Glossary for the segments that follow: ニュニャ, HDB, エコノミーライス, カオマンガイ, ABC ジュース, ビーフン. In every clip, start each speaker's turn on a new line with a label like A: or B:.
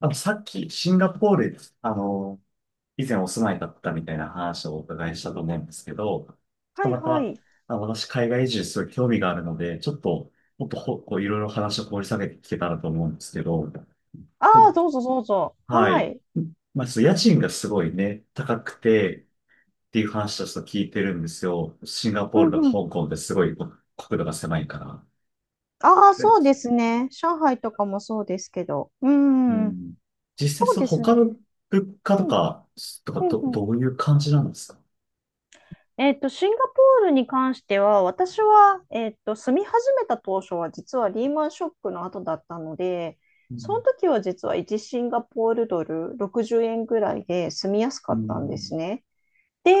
A: あと、さっき、シンガポール、あの、以前お住まいだったみたいな話をお伺いしたと思うんですけど、ちょっ
B: は
A: と
B: い
A: ま
B: は
A: た、
B: い。
A: 私、海外移住すごい興味があるので、ちょっと、もっとほ、こう、いろいろ話を掘り下げて聞けたらと思うんですけど、
B: あ
A: お
B: あ、どうぞどうぞ。
A: は
B: は
A: い。
B: い。
A: まあ、ちょっと家賃がすごいね、高くて、っていう話をちょっと聞いてるんですよ。シンガポ
B: う
A: ール
B: ん
A: と
B: う
A: か
B: ん。
A: 香港ってすごい国土が狭いから。
B: ああ、そうで
A: で
B: すね。上海とかもそうですけど。う
A: う
B: ん。
A: ん。実
B: そ
A: 際、
B: う
A: そう
B: です
A: 他の
B: ね。
A: 物価と
B: うん。
A: か、
B: うんうん。
A: どういう感じなんですか？
B: シンガポールに関しては、私は、住み始めた当初は、実はリーマンショックの後だったので、
A: う
B: その
A: ん。
B: 時は実は1シンガポールドル60円ぐらいで住みやすか
A: う
B: ったんです
A: ん。
B: ね。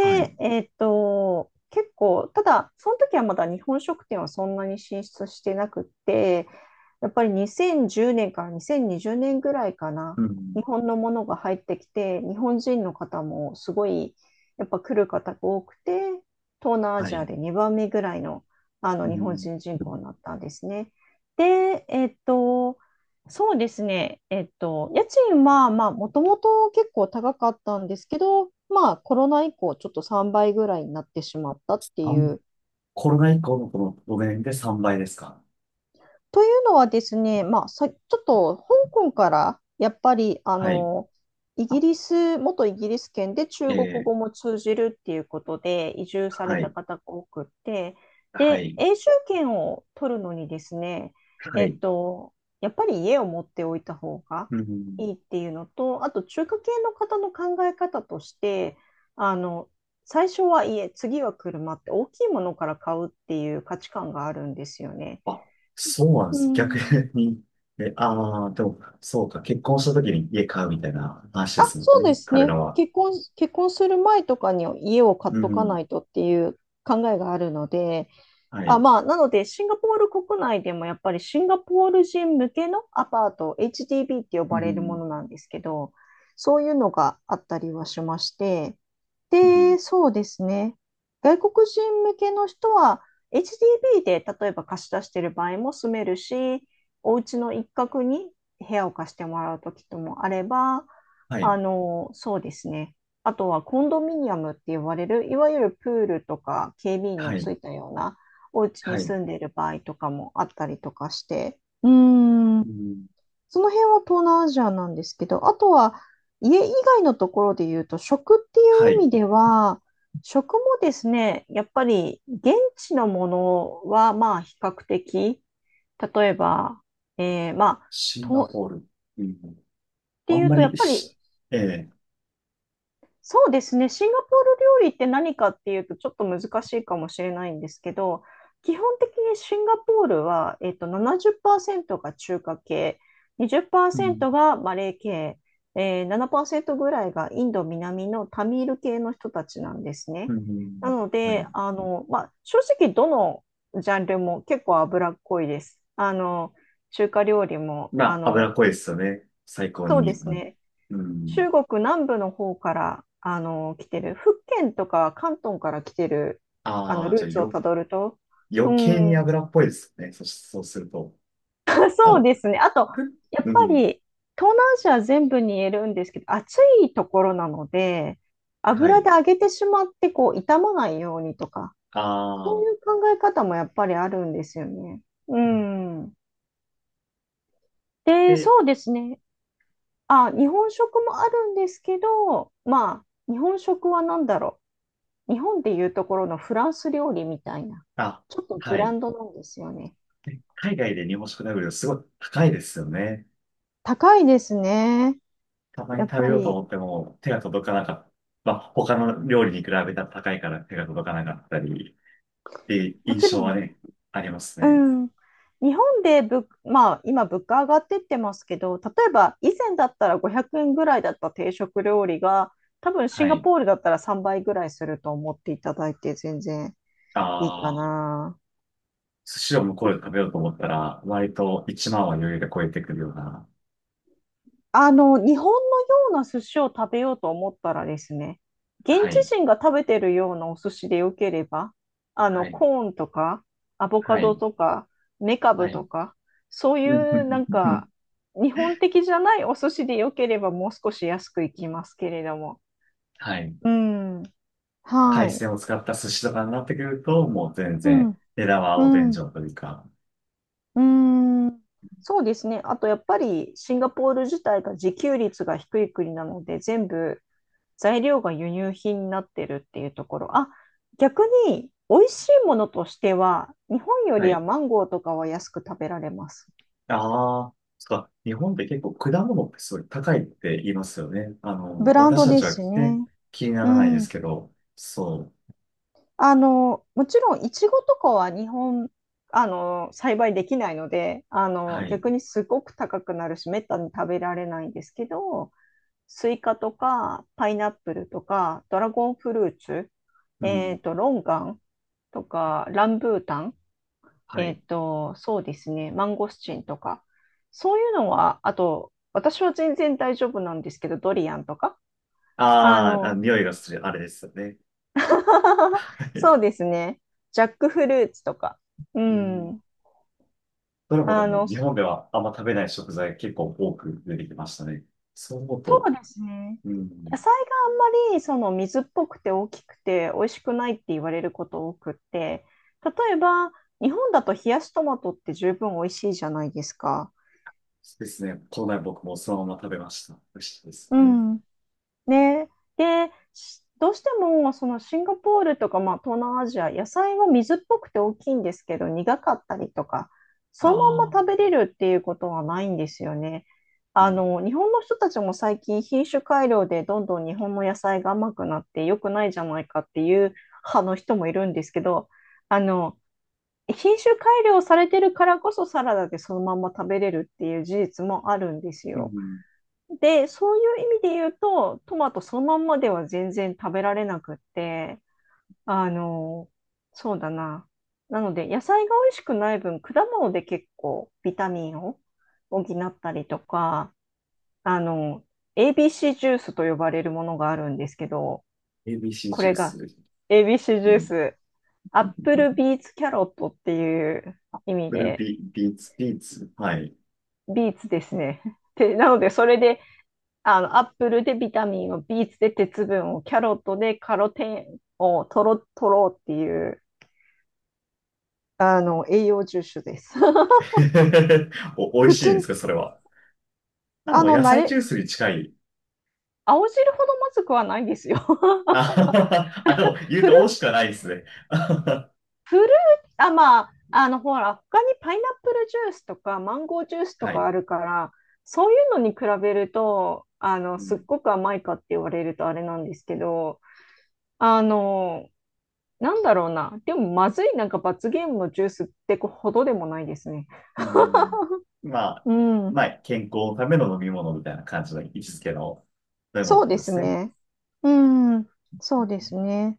A: はい。
B: 結構、ただ、その時はまだ日本食店はそんなに進出してなくって、やっぱり2010年から2020年ぐらいかな、
A: うん。
B: 日本のものが入ってきて、日本人の方もすごい、やっぱ来る方が多くて、東南ア
A: は
B: ジア
A: い。
B: で2番目ぐらいの、あ
A: う
B: の日本
A: ん。
B: 人人口になったんですね。で、そうですね。家賃は、まあ、もともと結構高かったんですけど、まあ、コロナ以降、ちょっと3倍ぐらいになってしまったって
A: あ
B: い
A: ん、
B: う
A: コロナ以降のこの5年で3倍ですか？
B: というのはですね、まあ、ちょっと香港からやっぱりあ
A: はい。
B: のイ
A: あ
B: ギリス、元イギリス圏で
A: え
B: 中国
A: ー、
B: 語も通じるっていうことで移住され
A: は
B: た
A: い。
B: 方が多くって、
A: は
B: で、
A: い。
B: 永住権を取るのにですね、
A: は
B: えっ
A: い。
B: と、やっぱり家を持っておいた方が
A: うん。
B: いいっていうのと、あと中華系の方の考え方として、あの、最初は家、次は車って大きいものから買うっていう価値観があるんですよね。
A: あ、そうなんで
B: う
A: す。逆
B: ん、
A: に。え、ああ、でも、そうか。結婚した時に家買うみたいな話で
B: あ、
A: すもん
B: そうで
A: ね。
B: す
A: 彼ら
B: ね。
A: は。
B: 結婚する前とかに家を買っ
A: う
B: とか
A: ん。
B: ないとっていう考えがあるので、
A: は
B: あ、
A: い。
B: まあ、なので、シンガポール国内でもやっぱりシンガポール人向けのアパート、HDB って呼
A: う
B: ばれるも
A: ん。
B: のなんですけど、そういうのがあったりはしまして、
A: うん。
B: で、そうですね。外国人向けの人は、HDB で例えば貸し出してる場合も住めるし、お家の一角に部屋を貸してもらうときともあれば、
A: はい。
B: そうですね。あとはコンドミニアムって呼ばれる、いわゆるプールとか警備員の
A: は
B: つ
A: い。
B: いたような、お家
A: は
B: に
A: い。
B: 住んでいる場合とかもあったりとかして、うー
A: う
B: ん。
A: ん。
B: その辺は東南アジアなんですけど、あとは家以外のところで言うと、食ってい
A: は
B: う
A: い。
B: 意味では、食もですね、やっぱり現地のものはまあ比較的、例えば、えーまあ、
A: シンガ
B: とっ
A: ポール。うん。
B: て
A: あん
B: いう
A: ま
B: と、やっ
A: り
B: ぱり
A: し、ええ。
B: そうですね。シンガポール料理って何かっていうとちょっと難しいかもしれないんですけど、基本的にシンガポールは、70%が中華系、
A: うん。
B: 20%がマレー系、7%ぐらいがインド南のタミール系の人たちなんです
A: う
B: ね。な
A: ん。
B: の
A: は
B: で、
A: い。
B: まあ、正直どのジャンルも結構脂っこいです。中華料理も、
A: まあ、脂っこいですよね。最高
B: そう
A: に。
B: ですね。
A: うん。
B: 中国南部の方から来てる、福建とか広東から来てるあの
A: ああ、じ
B: ルー
A: ゃあ
B: ツを
A: よ、
B: たどると、う
A: 余計に
B: ん、
A: 脂っぽいですね。そうすると。あ、
B: そ
A: も
B: うで
A: う、
B: すね。あと、や
A: ふう
B: っぱ
A: ん。
B: り東南アジア全部に言えるんですけど、暑いところなので、
A: は
B: 油
A: い。
B: で揚げてしまってこう傷まないようにとか、
A: あ
B: そうい
A: あ、
B: う考え方もやっぱりあるんですよね。う
A: うん。
B: ん。で、
A: で、
B: そうですね。あ、日本食もあるんですけど、まあ、日本食は何だろう。日本でいうところのフランス料理みたいな、
A: あ、
B: ちょっとブ
A: は
B: ラ
A: い。
B: ンドなんですよね。
A: で海外で日本食食べるのすごい高いですよね。
B: 高いですね。
A: たま
B: や
A: に
B: っ
A: 食べ
B: ぱ
A: ようと
B: り。
A: 思っても手が届かなかった。まあ、他の料理に比べたら高いから手が届かなかったり、っていう
B: もち
A: 印象
B: ろ
A: は
B: ん、
A: ね、あります
B: う
A: ね。
B: ん。日本でぶ、まあ、今物価上がってってますけど、例えば以前だったら500円ぐらいだった定食料理が、多分シ
A: は
B: ンガ
A: い。
B: ポールだったら3倍ぐらいすると思っていただいて全然いいか
A: ああ。
B: な。
A: 寿司を向こうで食べようと思ったら、割と1万は余裕で超えてくるような。
B: 日本のような寿司を食べようと思ったらですね、現
A: は
B: 地
A: い。
B: 人が食べてるようなお寿司でよければ、
A: はい。
B: コーンとか、アボ
A: は
B: カド
A: い。
B: とか、メカ
A: は
B: ブと
A: い。
B: か、そうい
A: う
B: うなん
A: ん。
B: か、日本的じゃないお寿司でよければ、もう少し安くいきますけれども。
A: はい。
B: うん。は
A: 海
B: い。
A: 鮮を使った寿司とかになってくると、もう全
B: う
A: 然、
B: ん。
A: 値段
B: う
A: はお天
B: ん。
A: 井
B: う
A: というか。
B: ーん。そうですね。あと、やっぱり、シンガポール自体が自給率が低い国なので、全部、材料が輸入品になってるっていうところ。あ、逆に美味しいものとしては、日本よ
A: は
B: りは
A: い。
B: マンゴーとかは安く食べられます。
A: ああ、そっか。日本って結構果物ってすごい高いって言いますよね。
B: ブラン
A: 私
B: ド
A: た
B: で
A: ち
B: す
A: はね、
B: ね。
A: 気にな
B: う
A: らないです
B: ん。
A: けど、そう。
B: もちろん、いちごとかは日本、栽培できないので、
A: はい。
B: 逆にすごく高くなるし、めったに食べられないんですけど、スイカとか、パイナップルとか、ドラゴンフルーツ、
A: うん。
B: ロンガンとか、ランブータン、
A: はい。
B: そうですね、マンゴスチンとか、そういうのは、あと、私は全然大丈夫なんですけど、ドリアンとか、あ
A: あーあ、
B: の、
A: 匂いがする、あれですよね。
B: そう ですね、ジャックフルーツとか、う
A: うん。
B: ん、
A: どれもでも日
B: そ
A: 本ではあんま食べない食材結構多く出てきましたね。そう思う
B: う
A: と、
B: ですね、
A: う
B: 野
A: ん、
B: 菜があんまりその水っぽくて大きくて美味しくないって言われること多くって、例えば、日本だと冷やしトマトって十分美味しいじゃないですか。
A: ですね。この前僕もそのまま食べました。美味しいです
B: う
A: ね。
B: ん。ね。で、どうしてもそのシンガポールとか、まあ、東南アジア、野菜は水っぽくて大きいんですけど、苦かったりとか、
A: あ
B: そのまん
A: あ、
B: ま食べれるっていうことはないんですよね。
A: うん。
B: 日本の人たちも最近品種改良でどんどん日本の野菜が甘くなって良くないじゃないかっていう派の人もいるんですけど、あの、品種改良されてるからこそサラダでそのまんま食べれるっていう事実もあるんです
A: う
B: よ。
A: ん、
B: で、そういう意味で言うと、トマトそのまんまでは全然食べられなくって、あの、そうだな。なので、野菜が美味しくない分、果物で結構ビタミンを補ったりとか、あの、ABC ジュースと呼ばれるものがあるんですけど、
A: ABC
B: こ
A: ジュ
B: れ
A: ース、
B: が ABC ジ
A: う
B: ュー
A: ん。
B: ス、アップルビーツキャロットっていう意味
A: フル
B: で、
A: ビ、ビーツ、ビーツ。はい。
B: ビーツですね。で、なので、それであの、アップルでビタミンを、ビーツで鉄分を、キャロットでカロテンを取ろうっていう、栄養重視です。
A: お、美味
B: 普
A: しいん
B: 通
A: です
B: に、
A: か、それは。あ、
B: あ
A: もう
B: の、
A: 野
B: 慣
A: 菜ジュー
B: れ、
A: スに近い。
B: 青汁ほどまずくはないですよ。
A: あ ははは、あでも言う
B: フ
A: と
B: ル、
A: 美味しくはないですね。
B: フル、あ、まあ、ほら、他にパイナップルジュースとか、マンゴージュースと
A: は
B: か
A: い。
B: あるから、そういうのに比べると、
A: う
B: すっ
A: ん。
B: ごく甘いかって言われるとあれなんですけど、あの、なんだろうな。でも、まずいなんか罰ゲームのジュースってほどでもないですね。
A: うん。まあ、
B: うん。
A: まあ、健康のための飲み物みたいな感じの位置づけの飲み物っ
B: そ
A: て
B: う
A: こ
B: で
A: とで
B: す
A: すね。
B: ね。うん、そうですね。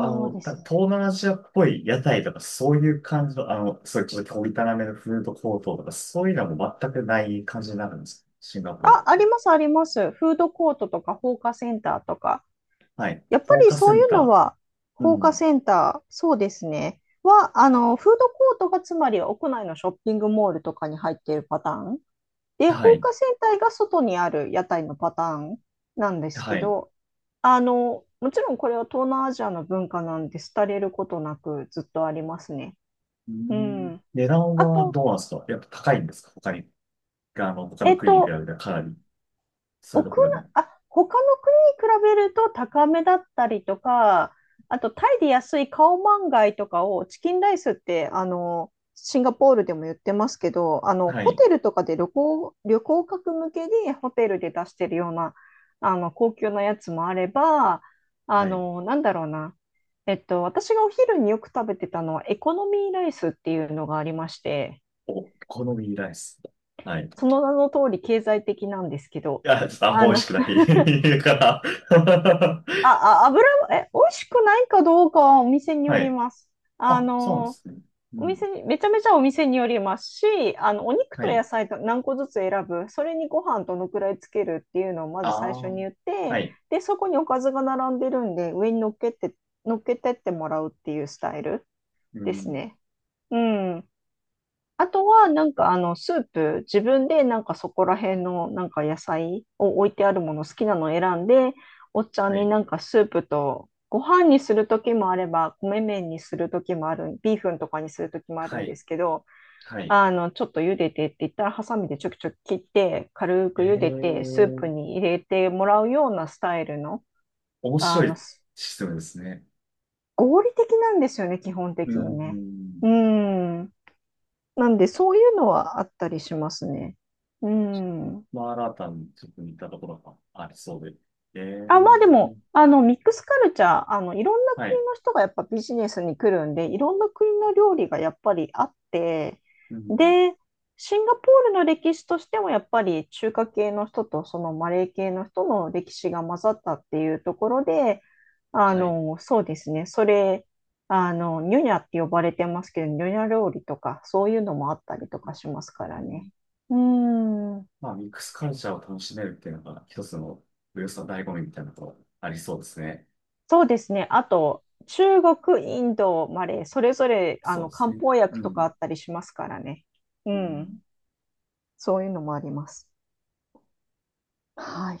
B: そうですね。
A: 東南アジアっぽい屋台とか、そういう感じの、そういうちょっと小汚めのフードコートとか、そういうのも全くない感じになるんです。シンガポール
B: あ、
A: っ
B: あり
A: て。
B: ます、あります。フードコートとか放火センターとか。
A: はい。
B: やっぱ
A: 放
B: り
A: 火セ
B: そうい
A: ン
B: うの
A: タ
B: は、
A: ー。う
B: 放火
A: ん。
B: センター、そうですね。は、フードコートがつまり屋内のショッピングモールとかに入っているパターン。で、
A: は
B: 放
A: い。
B: 火船体が外にある屋台のパターンなんです
A: は
B: け
A: い。
B: ど、もちろんこれは東南アジアの文化なんで、廃れることなくずっとありますね。
A: う
B: う
A: ん。
B: ん。
A: 値段
B: あ
A: は
B: と、
A: どうなんですか？やっぱ高いんですか？他に。他の
B: えっ
A: 国に比べ
B: と、
A: たらかなり。そういうと
B: 奥
A: こで
B: な、
A: も。
B: あ、他の国に比べると高めだったりとか、あとタイで安いカオマンガイとかをチキンライスって、シンガポールでも言ってますけど、
A: は
B: ホ
A: い。
B: テルとかで旅行客向けにホテルで出してるような、高級なやつもあれば、あ
A: はい。
B: の、なんだろうな。私がお昼によく食べてたのはエコノミーライスっていうのがありまして、
A: お好みライス。はい。
B: その名の通り経済的なんですけど、
A: いや、ちょっとあんま
B: あ
A: 美味し
B: の
A: く ない から
B: あ、あ、油も、え、美味しくないかどうかはお店に
A: は
B: より
A: い。
B: ます。あ
A: あ、そうなんで
B: の、
A: すね。う
B: お
A: ん。
B: 店に、めちゃめちゃお店によりますし、お肉
A: は
B: と野
A: い。
B: 菜と何個ずつ選ぶ、それにご飯どのくらいつけるっていうのをま
A: あ
B: ず最初
A: あ。
B: に言っ
A: は
B: て、
A: い。
B: で、そこにおかずが並んでるんで、上に乗っけて、乗っけてってもらうっていうスタイル
A: う
B: です
A: ん。
B: ね。うん。あとは、なんかスープ、自分でなんかそこら辺のなんか野菜を置いてあるもの好きなのを選んで、おっちゃん
A: は
B: に
A: い。
B: なんかスープとご飯にする時もあれば、米麺にする時もある、ビーフンとかにする時もある
A: は
B: んで
A: い。
B: すけど、
A: はい。
B: ちょっと茹でてって言ったら、ハサミでちょきちょき切って、軽
A: え
B: く茹でて、スー
A: え、
B: プに入れてもらうようなスタイルの、
A: 面
B: あ
A: 白
B: の、
A: いシステムですね。
B: 合理的なんですよね、基本
A: う
B: 的にね。
A: ん。
B: うん。なんで、そういうのはあったりしますね。うん。
A: マラタにちょっと似たところがありそうで。え
B: あ、まあでも、
A: え。
B: あの、ミックスカルチャー、いろんな
A: は
B: 国
A: い。
B: の人がやっぱビジネスに来るんで、いろんな国の料理がやっぱりあって、
A: うん。
B: で、シンガポールの歴史としてもやっぱり中華系の人とそのマレー系の人の歴史が混ざったっていうところで、あ
A: はい。
B: の、そうですね、それ、あの、ニュニャって呼ばれてますけど、ニュニャ料理とか、そういうのもあったりとかし
A: う
B: ますから
A: ん。
B: ね。うーん。
A: まあ、ミックスカルチャーを楽しめるっていうのが一つの、およそ醍醐味みたいなところありそうですね。
B: そうですね。あと、中国、インド、マレー、それぞれ、
A: そうです
B: 漢
A: ね。
B: 方
A: う
B: 薬とかあ
A: ん。
B: ったりしますからね。う
A: う
B: ん。
A: ん
B: そういうのもあります。はい。